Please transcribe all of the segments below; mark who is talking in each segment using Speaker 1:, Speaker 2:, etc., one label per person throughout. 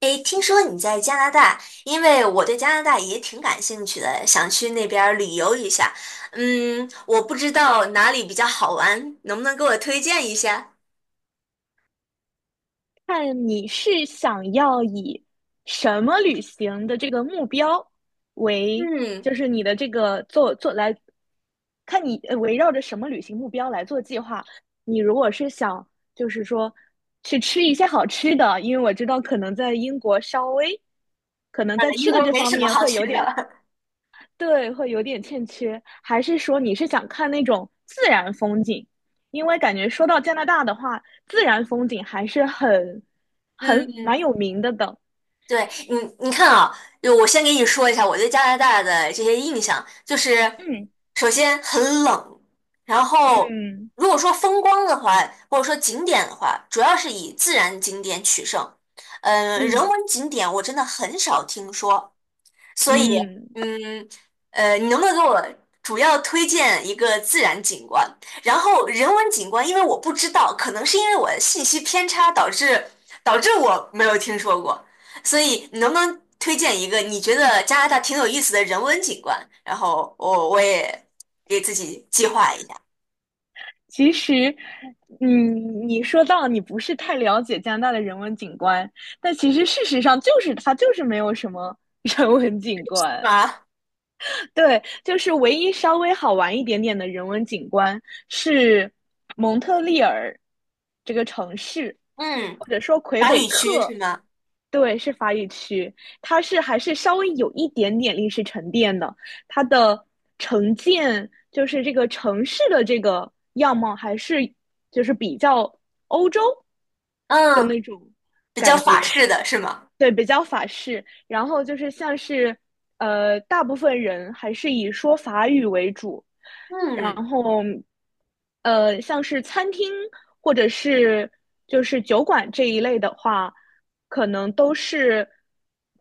Speaker 1: 哎，听说你在加拿大，因为我对加拿大也挺感兴趣的，想去那边儿旅游一下。嗯，我不知道哪里比较好玩，能不能给我推荐一下？
Speaker 2: 看你是想要以什么旅行的这个目标为，
Speaker 1: 嗯，
Speaker 2: 就是你的这个做做来，看你围绕着什么旅行目标来做计划。你如果是想就是说去吃一些好吃的，因为我知道可能在英国稍微可能在吃
Speaker 1: 英
Speaker 2: 的
Speaker 1: 国
Speaker 2: 这
Speaker 1: 没
Speaker 2: 方
Speaker 1: 什么
Speaker 2: 面
Speaker 1: 好
Speaker 2: 会
Speaker 1: 去
Speaker 2: 有
Speaker 1: 的。
Speaker 2: 点 对，会有点欠缺。还是说你是想看那种自然风景？因为感觉说到加拿大的话，自然风景还是很蛮
Speaker 1: 嗯
Speaker 2: 有名的。
Speaker 1: 对你，你看啊，就我先给你说一下我对加拿大的这些印象，就是
Speaker 2: 嗯
Speaker 1: 首先很冷，然后
Speaker 2: 嗯
Speaker 1: 如果说风光的话，或者说景点的话，主要是以自然景点取胜。嗯、人
Speaker 2: 嗯
Speaker 1: 文景点我真的很少听说，所以，
Speaker 2: 嗯，
Speaker 1: 嗯，你能不能给我主要推荐一个自然景观？然后人文景观，因为我不知道，可能是因为我的信息偏差导致我没有听说过，所以你能不能推荐一个你觉得加拿大挺有意思的人文景观？然后我也给自己计划一下，
Speaker 2: 其实，你说到你不是太了解加拿大的人文景观，但其实事实上就是它就是没有什么 人文景
Speaker 1: 是
Speaker 2: 观。
Speaker 1: 吗？
Speaker 2: 对，就是唯一稍微好玩一点点的人文景观是蒙特利尔这个城市，
Speaker 1: 嗯，
Speaker 2: 或者说魁
Speaker 1: 法
Speaker 2: 北
Speaker 1: 语区是
Speaker 2: 克，
Speaker 1: 吗？
Speaker 2: 对，是法语区，它是还是稍微有一点点历史沉淀的，它的城建就是这个城市的这个样貌还是就是比较欧洲
Speaker 1: 嗯，比较
Speaker 2: 感
Speaker 1: 法
Speaker 2: 觉，
Speaker 1: 式的是吗？
Speaker 2: 对，比较法式。然后就是像是，大部分人还是以说法语为主。然
Speaker 1: 嗯，
Speaker 2: 后，像是餐厅或者是就是酒馆这一类的话，可能都是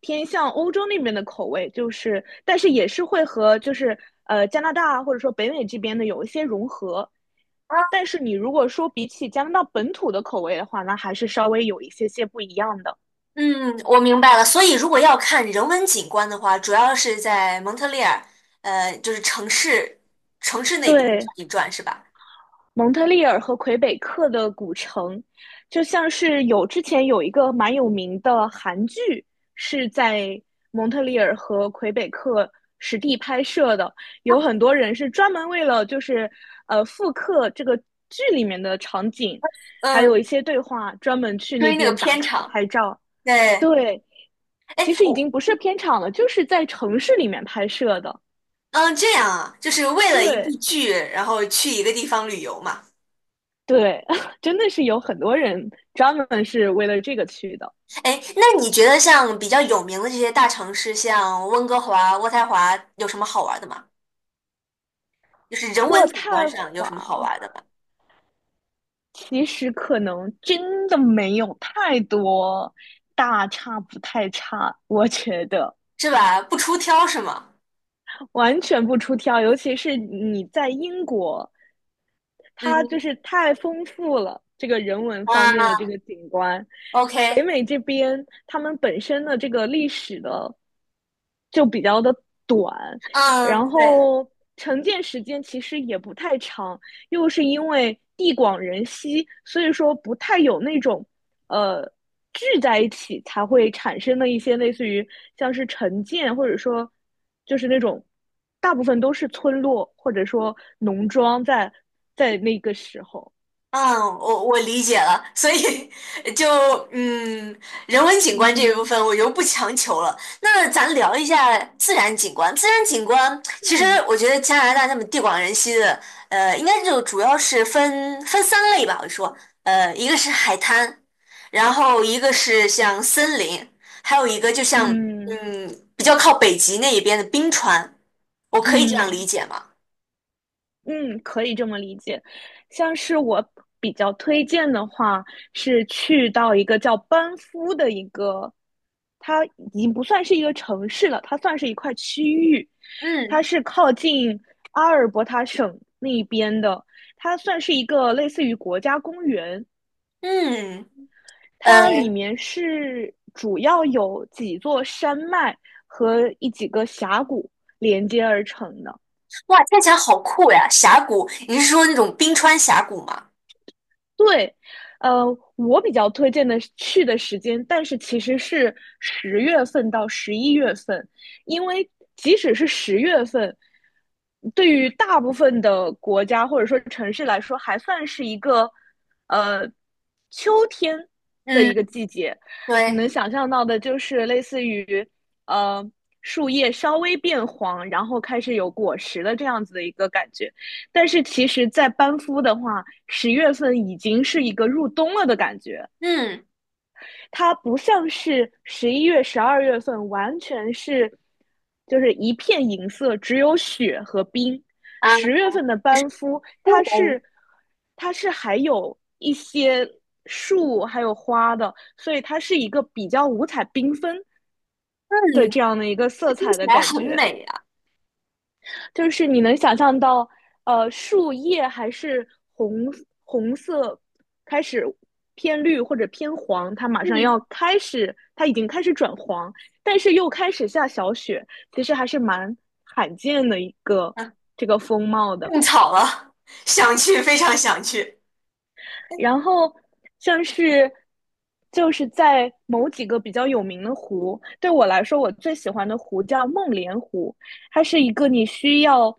Speaker 2: 偏向欧洲那边的口味，就是但是也是会和就是加拿大或者说北美这边的有一些融合。
Speaker 1: 啊。
Speaker 2: 但是你如果说比起加拿大本土的口味的话，那还是稍微有一些些不一样的。
Speaker 1: 嗯，我明白了。所以，如果要看人文景观的话，主要是在蒙特利尔，就是城市那边转
Speaker 2: 对，
Speaker 1: 一转，是吧？
Speaker 2: 蒙特利尔和魁北克的古城，就像是有之前有一个蛮有名的韩剧是在蒙特利尔和魁北克实地拍摄的，有很多人是专门为了就是复刻这个剧里面的场景，还有
Speaker 1: 嗯，
Speaker 2: 一些对话，专门去那
Speaker 1: 追那个
Speaker 2: 边打
Speaker 1: 片
Speaker 2: 卡
Speaker 1: 场。
Speaker 2: 拍照。
Speaker 1: 对，
Speaker 2: 对，
Speaker 1: 哎，
Speaker 2: 其实已
Speaker 1: 我
Speaker 2: 经不是片场了，就是在城市里面拍摄的。
Speaker 1: 嗯，这样啊，就是为了一部
Speaker 2: 对，
Speaker 1: 剧，然后去一个地方旅游嘛。
Speaker 2: 对，真的是有很多人专门是为了这个去的。
Speaker 1: 哎，那你觉得像比较有名的这些大城市，像温哥华、渥太华，有什么好玩的吗？就是人文
Speaker 2: 渥
Speaker 1: 景观
Speaker 2: 太
Speaker 1: 上有什么好
Speaker 2: 华
Speaker 1: 玩的吗？
Speaker 2: 其实可能真的没有太多大差不太差，我觉得
Speaker 1: 是吧？不出挑是吗？
Speaker 2: 完全不出挑。尤其是你在英国它就
Speaker 1: 嗯
Speaker 2: 是太丰富了，这个人文方面的这
Speaker 1: 啊
Speaker 2: 个景观。北
Speaker 1: ，OK，
Speaker 2: 美这边他们本身的这个历史的就比较的短，
Speaker 1: 嗯，
Speaker 2: 然
Speaker 1: 对。
Speaker 2: 后承建时间其实也不太长，又是因为地广人稀，所以说不太有那种呃聚在一起才会产生的一些类似于像是城建，或者说就是那种大部分都是村落或者说农庄在那个时候。
Speaker 1: 嗯，我理解了，所以 就嗯，人文景观这一部
Speaker 2: 嗯，
Speaker 1: 分我就不强求了。那咱聊一下自然景观。自然景观其实
Speaker 2: 嗯
Speaker 1: 我觉得加拿大那么地广人稀的，呃，应该就主要是分三类吧。我说，呃，一个是海滩，然后一个是像森林，还有一个就像
Speaker 2: 嗯
Speaker 1: 嗯比较靠北极那一边的冰川。我可以这样
Speaker 2: 嗯，
Speaker 1: 理解吗？
Speaker 2: 嗯，可以这么理解。像是我比较推荐的话，是去到一个叫班夫的一个，它已经不算是一个城市了，它算是一块区域，
Speaker 1: 嗯
Speaker 2: 它是靠近阿尔伯塔省那边的，它算是一个类似于国家公园，
Speaker 1: 嗯，
Speaker 2: 它里
Speaker 1: 呃
Speaker 2: 面是主要有几座山脉和几个峡谷连接而成的。
Speaker 1: 哇，听起来好酷呀！峡谷，你是说那种冰川峡谷吗？
Speaker 2: 对，呃，我比较推荐的是去的时间，但是其实是十月份到11月份，因为即使是十月份，对于大部分的国家或者说城市来说，还算是一个呃秋天的一个
Speaker 1: 嗯，
Speaker 2: 季节。你
Speaker 1: 对，
Speaker 2: 能想象到的就是类似于呃树叶稍微变黄，然后开始有果实的这样子的一个感觉。但是其实，在班夫的话，十月份已经是一个入冬了的感觉，
Speaker 1: 嗯
Speaker 2: 它不像是11月、12月份，完全是就是一片银色，只有雪和冰。
Speaker 1: 啊，
Speaker 2: 十月份的
Speaker 1: 就
Speaker 2: 班
Speaker 1: 是
Speaker 2: 夫，
Speaker 1: 故
Speaker 2: 它
Speaker 1: 宫
Speaker 2: 是它是还有一些树还有花的，所以它是一个比较五彩缤纷
Speaker 1: 嗯，
Speaker 2: 的这样的一个色
Speaker 1: 听
Speaker 2: 彩
Speaker 1: 起
Speaker 2: 的
Speaker 1: 来
Speaker 2: 感
Speaker 1: 很
Speaker 2: 觉。
Speaker 1: 美呀。
Speaker 2: 就是你能想象到，树叶还是红红色，开始偏绿或者偏黄，它马上要
Speaker 1: 嗯
Speaker 2: 开始，它已经开始转黄，但是又开始下小雪，其实还是蛮罕见的一个
Speaker 1: 啊，
Speaker 2: 这个风貌的。
Speaker 1: 种草了，想去，非常想去。
Speaker 2: 然后像是就是在某几个比较有名的湖，对我来说，我最喜欢的湖叫梦莲湖，它是一个你需要，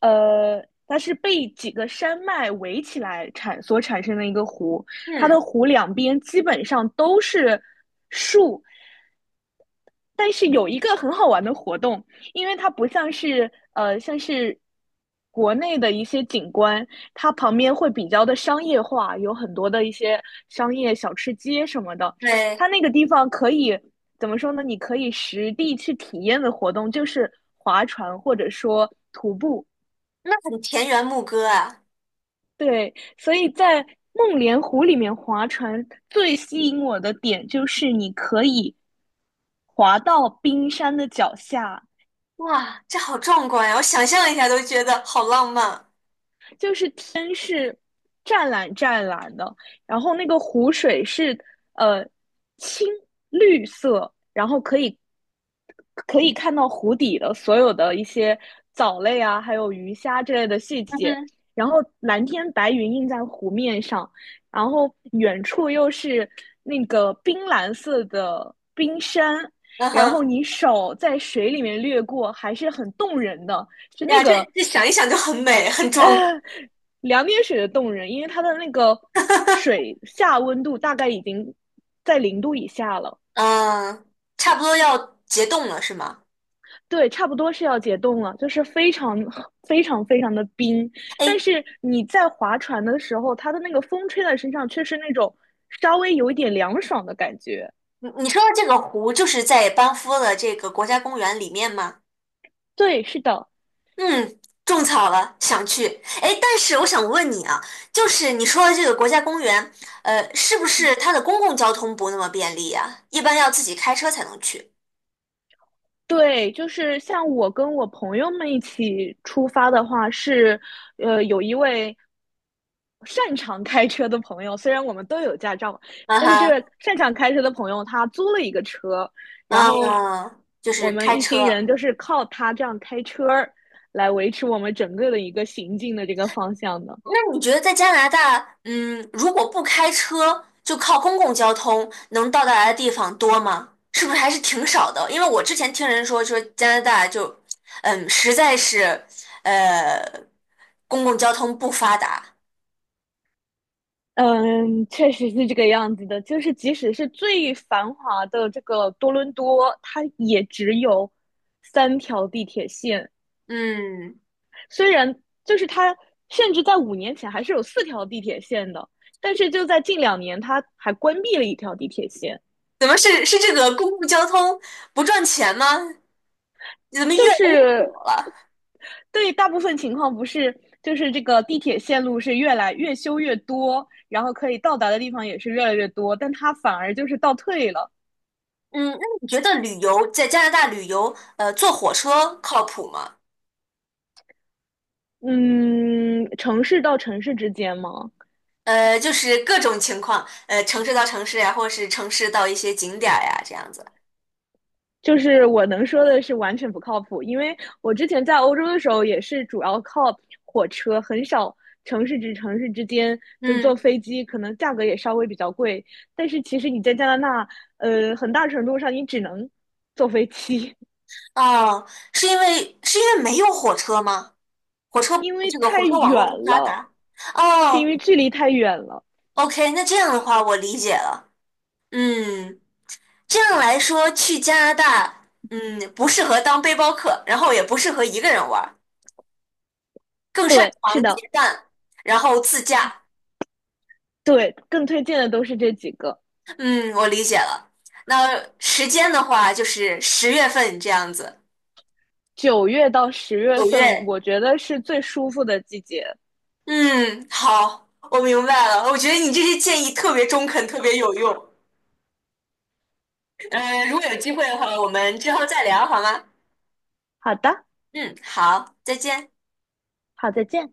Speaker 2: 它是被几个山脉围起来所产生的一个湖，它
Speaker 1: 嗯，
Speaker 2: 的湖两边基本上都是树，但是有一个很好玩的活动，因为它不像是像是国内的一些景观，它旁边会比较的商业化，有很多的一些商业小吃街什么的。
Speaker 1: 对，
Speaker 2: 它那个地方可以怎么说呢？你可以实地去体验的活动就是划船或者说徒步。
Speaker 1: 那很田园牧歌啊。
Speaker 2: 对，所以在梦莲湖里面划船最吸引我的点就是你可以滑到冰山的脚下，
Speaker 1: 哇，这好壮观呀！我想象一下都觉得好浪漫。
Speaker 2: 就是天是湛蓝湛蓝的，然后那个湖水是呃青绿色，然后可以看到湖底的所有的一些藻类啊，还有鱼虾之类的细
Speaker 1: 嗯
Speaker 2: 节。
Speaker 1: 哼，
Speaker 2: 然后蓝天白云映在湖面上，然后远处又是那个冰蓝色的冰山，
Speaker 1: 嗯
Speaker 2: 然后
Speaker 1: 哼，
Speaker 2: 你手在水里面掠过，还是很动人的。就那
Speaker 1: 呀，这
Speaker 2: 个
Speaker 1: 这想一想就很美，很壮观
Speaker 2: 两点水的冻人，因为它的那个水下温度大概已经在0度以下了，
Speaker 1: 嗯，差不多要结冻了是吗？
Speaker 2: 对，差不多是要解冻了，就是非常非常非常的冰。但
Speaker 1: 哎，
Speaker 2: 是你在划船的时候，它的那个风吹在身上，却是那种稍微有一点凉爽的感觉。
Speaker 1: 你你说的这个湖就是在班夫的这个国家公园里面吗？
Speaker 2: 对，是的。
Speaker 1: 嗯，种草了，想去。哎，但是我想问你啊，就是你说的这个国家公园，呃，是不是它的公共交通不那么便利呀？一般要自己开车才能去。
Speaker 2: 对，就是像我跟我朋友们一起出发的话，是，有一位擅长开车的朋友，虽然我们都有驾照，
Speaker 1: 啊
Speaker 2: 但是这个
Speaker 1: 哈，
Speaker 2: 擅长开车的朋友他租了一个车，然后
Speaker 1: 啊，就
Speaker 2: 我
Speaker 1: 是
Speaker 2: 们
Speaker 1: 开
Speaker 2: 一行人
Speaker 1: 车。
Speaker 2: 就是靠他这样开车儿来维持我们整个的一个行进的这个方向的。
Speaker 1: 那你觉得在加拿大，嗯，如果不开车，就靠公共交通能到达的地方多吗？是不是还是挺少的？因为我之前听人说，说加拿大就，嗯，实在是，呃，公共交通不发达。
Speaker 2: 嗯，确实是这个样子的。就是即使是最繁华的这个多伦多，它也只有三条地铁线。
Speaker 1: 嗯，
Speaker 2: 虽然就是它，甚至在5年前还是有四条地铁线的，但是就在近2年，它还关闭了一条地铁线。
Speaker 1: 怎么是这个公共交通不赚钱吗？怎么越
Speaker 2: 就
Speaker 1: 来越
Speaker 2: 是
Speaker 1: 少了？
Speaker 2: 对大部分情况不是，就是这个地铁线路是越来越修越多，然后可以到达的地方也是越来越多，但它反而就是倒退了。
Speaker 1: 嗯，那你觉得旅游在加拿大旅游，呃，坐火车靠谱吗？
Speaker 2: 嗯，城市到城市之间吗？
Speaker 1: 呃，就是各种情况，呃，城市到城市呀，或是城市到一些景点儿呀，这样子。
Speaker 2: 就是我能说的是完全不靠谱，因为我之前在欧洲的时候也是主要靠火车，很少城市至城市之间，就是坐
Speaker 1: 嗯，
Speaker 2: 飞机，可能价格也稍微比较贵。但是其实你在加拿大，很大程度上你只能坐飞机，
Speaker 1: 哦，是因为没有火车吗？火车
Speaker 2: 因为
Speaker 1: 这个火
Speaker 2: 太
Speaker 1: 车网
Speaker 2: 远
Speaker 1: 络不发
Speaker 2: 了，
Speaker 1: 达。
Speaker 2: 是因
Speaker 1: 哦
Speaker 2: 为距离太远了。
Speaker 1: ，OK，那这样的话我理解了。嗯，这样来说，去加拿大，嗯，不适合当背包客，然后也不适合一个人玩儿更擅
Speaker 2: 对，是
Speaker 1: 长
Speaker 2: 的，
Speaker 1: 结伴，然后自驾。
Speaker 2: 对，更推荐的都是这几个。
Speaker 1: 嗯，我理解了。那时间的话，就是十月份这样子，
Speaker 2: 9月到十月
Speaker 1: 九
Speaker 2: 份，
Speaker 1: 月
Speaker 2: 我觉得是最舒服的季节。
Speaker 1: 嗯，好，我明白了。我觉得你这些建议特别中肯，特别有用。呃，如果有机会的话，我们之后再聊好吗？
Speaker 2: 好的，
Speaker 1: 嗯，好，再见。
Speaker 2: 好，再见。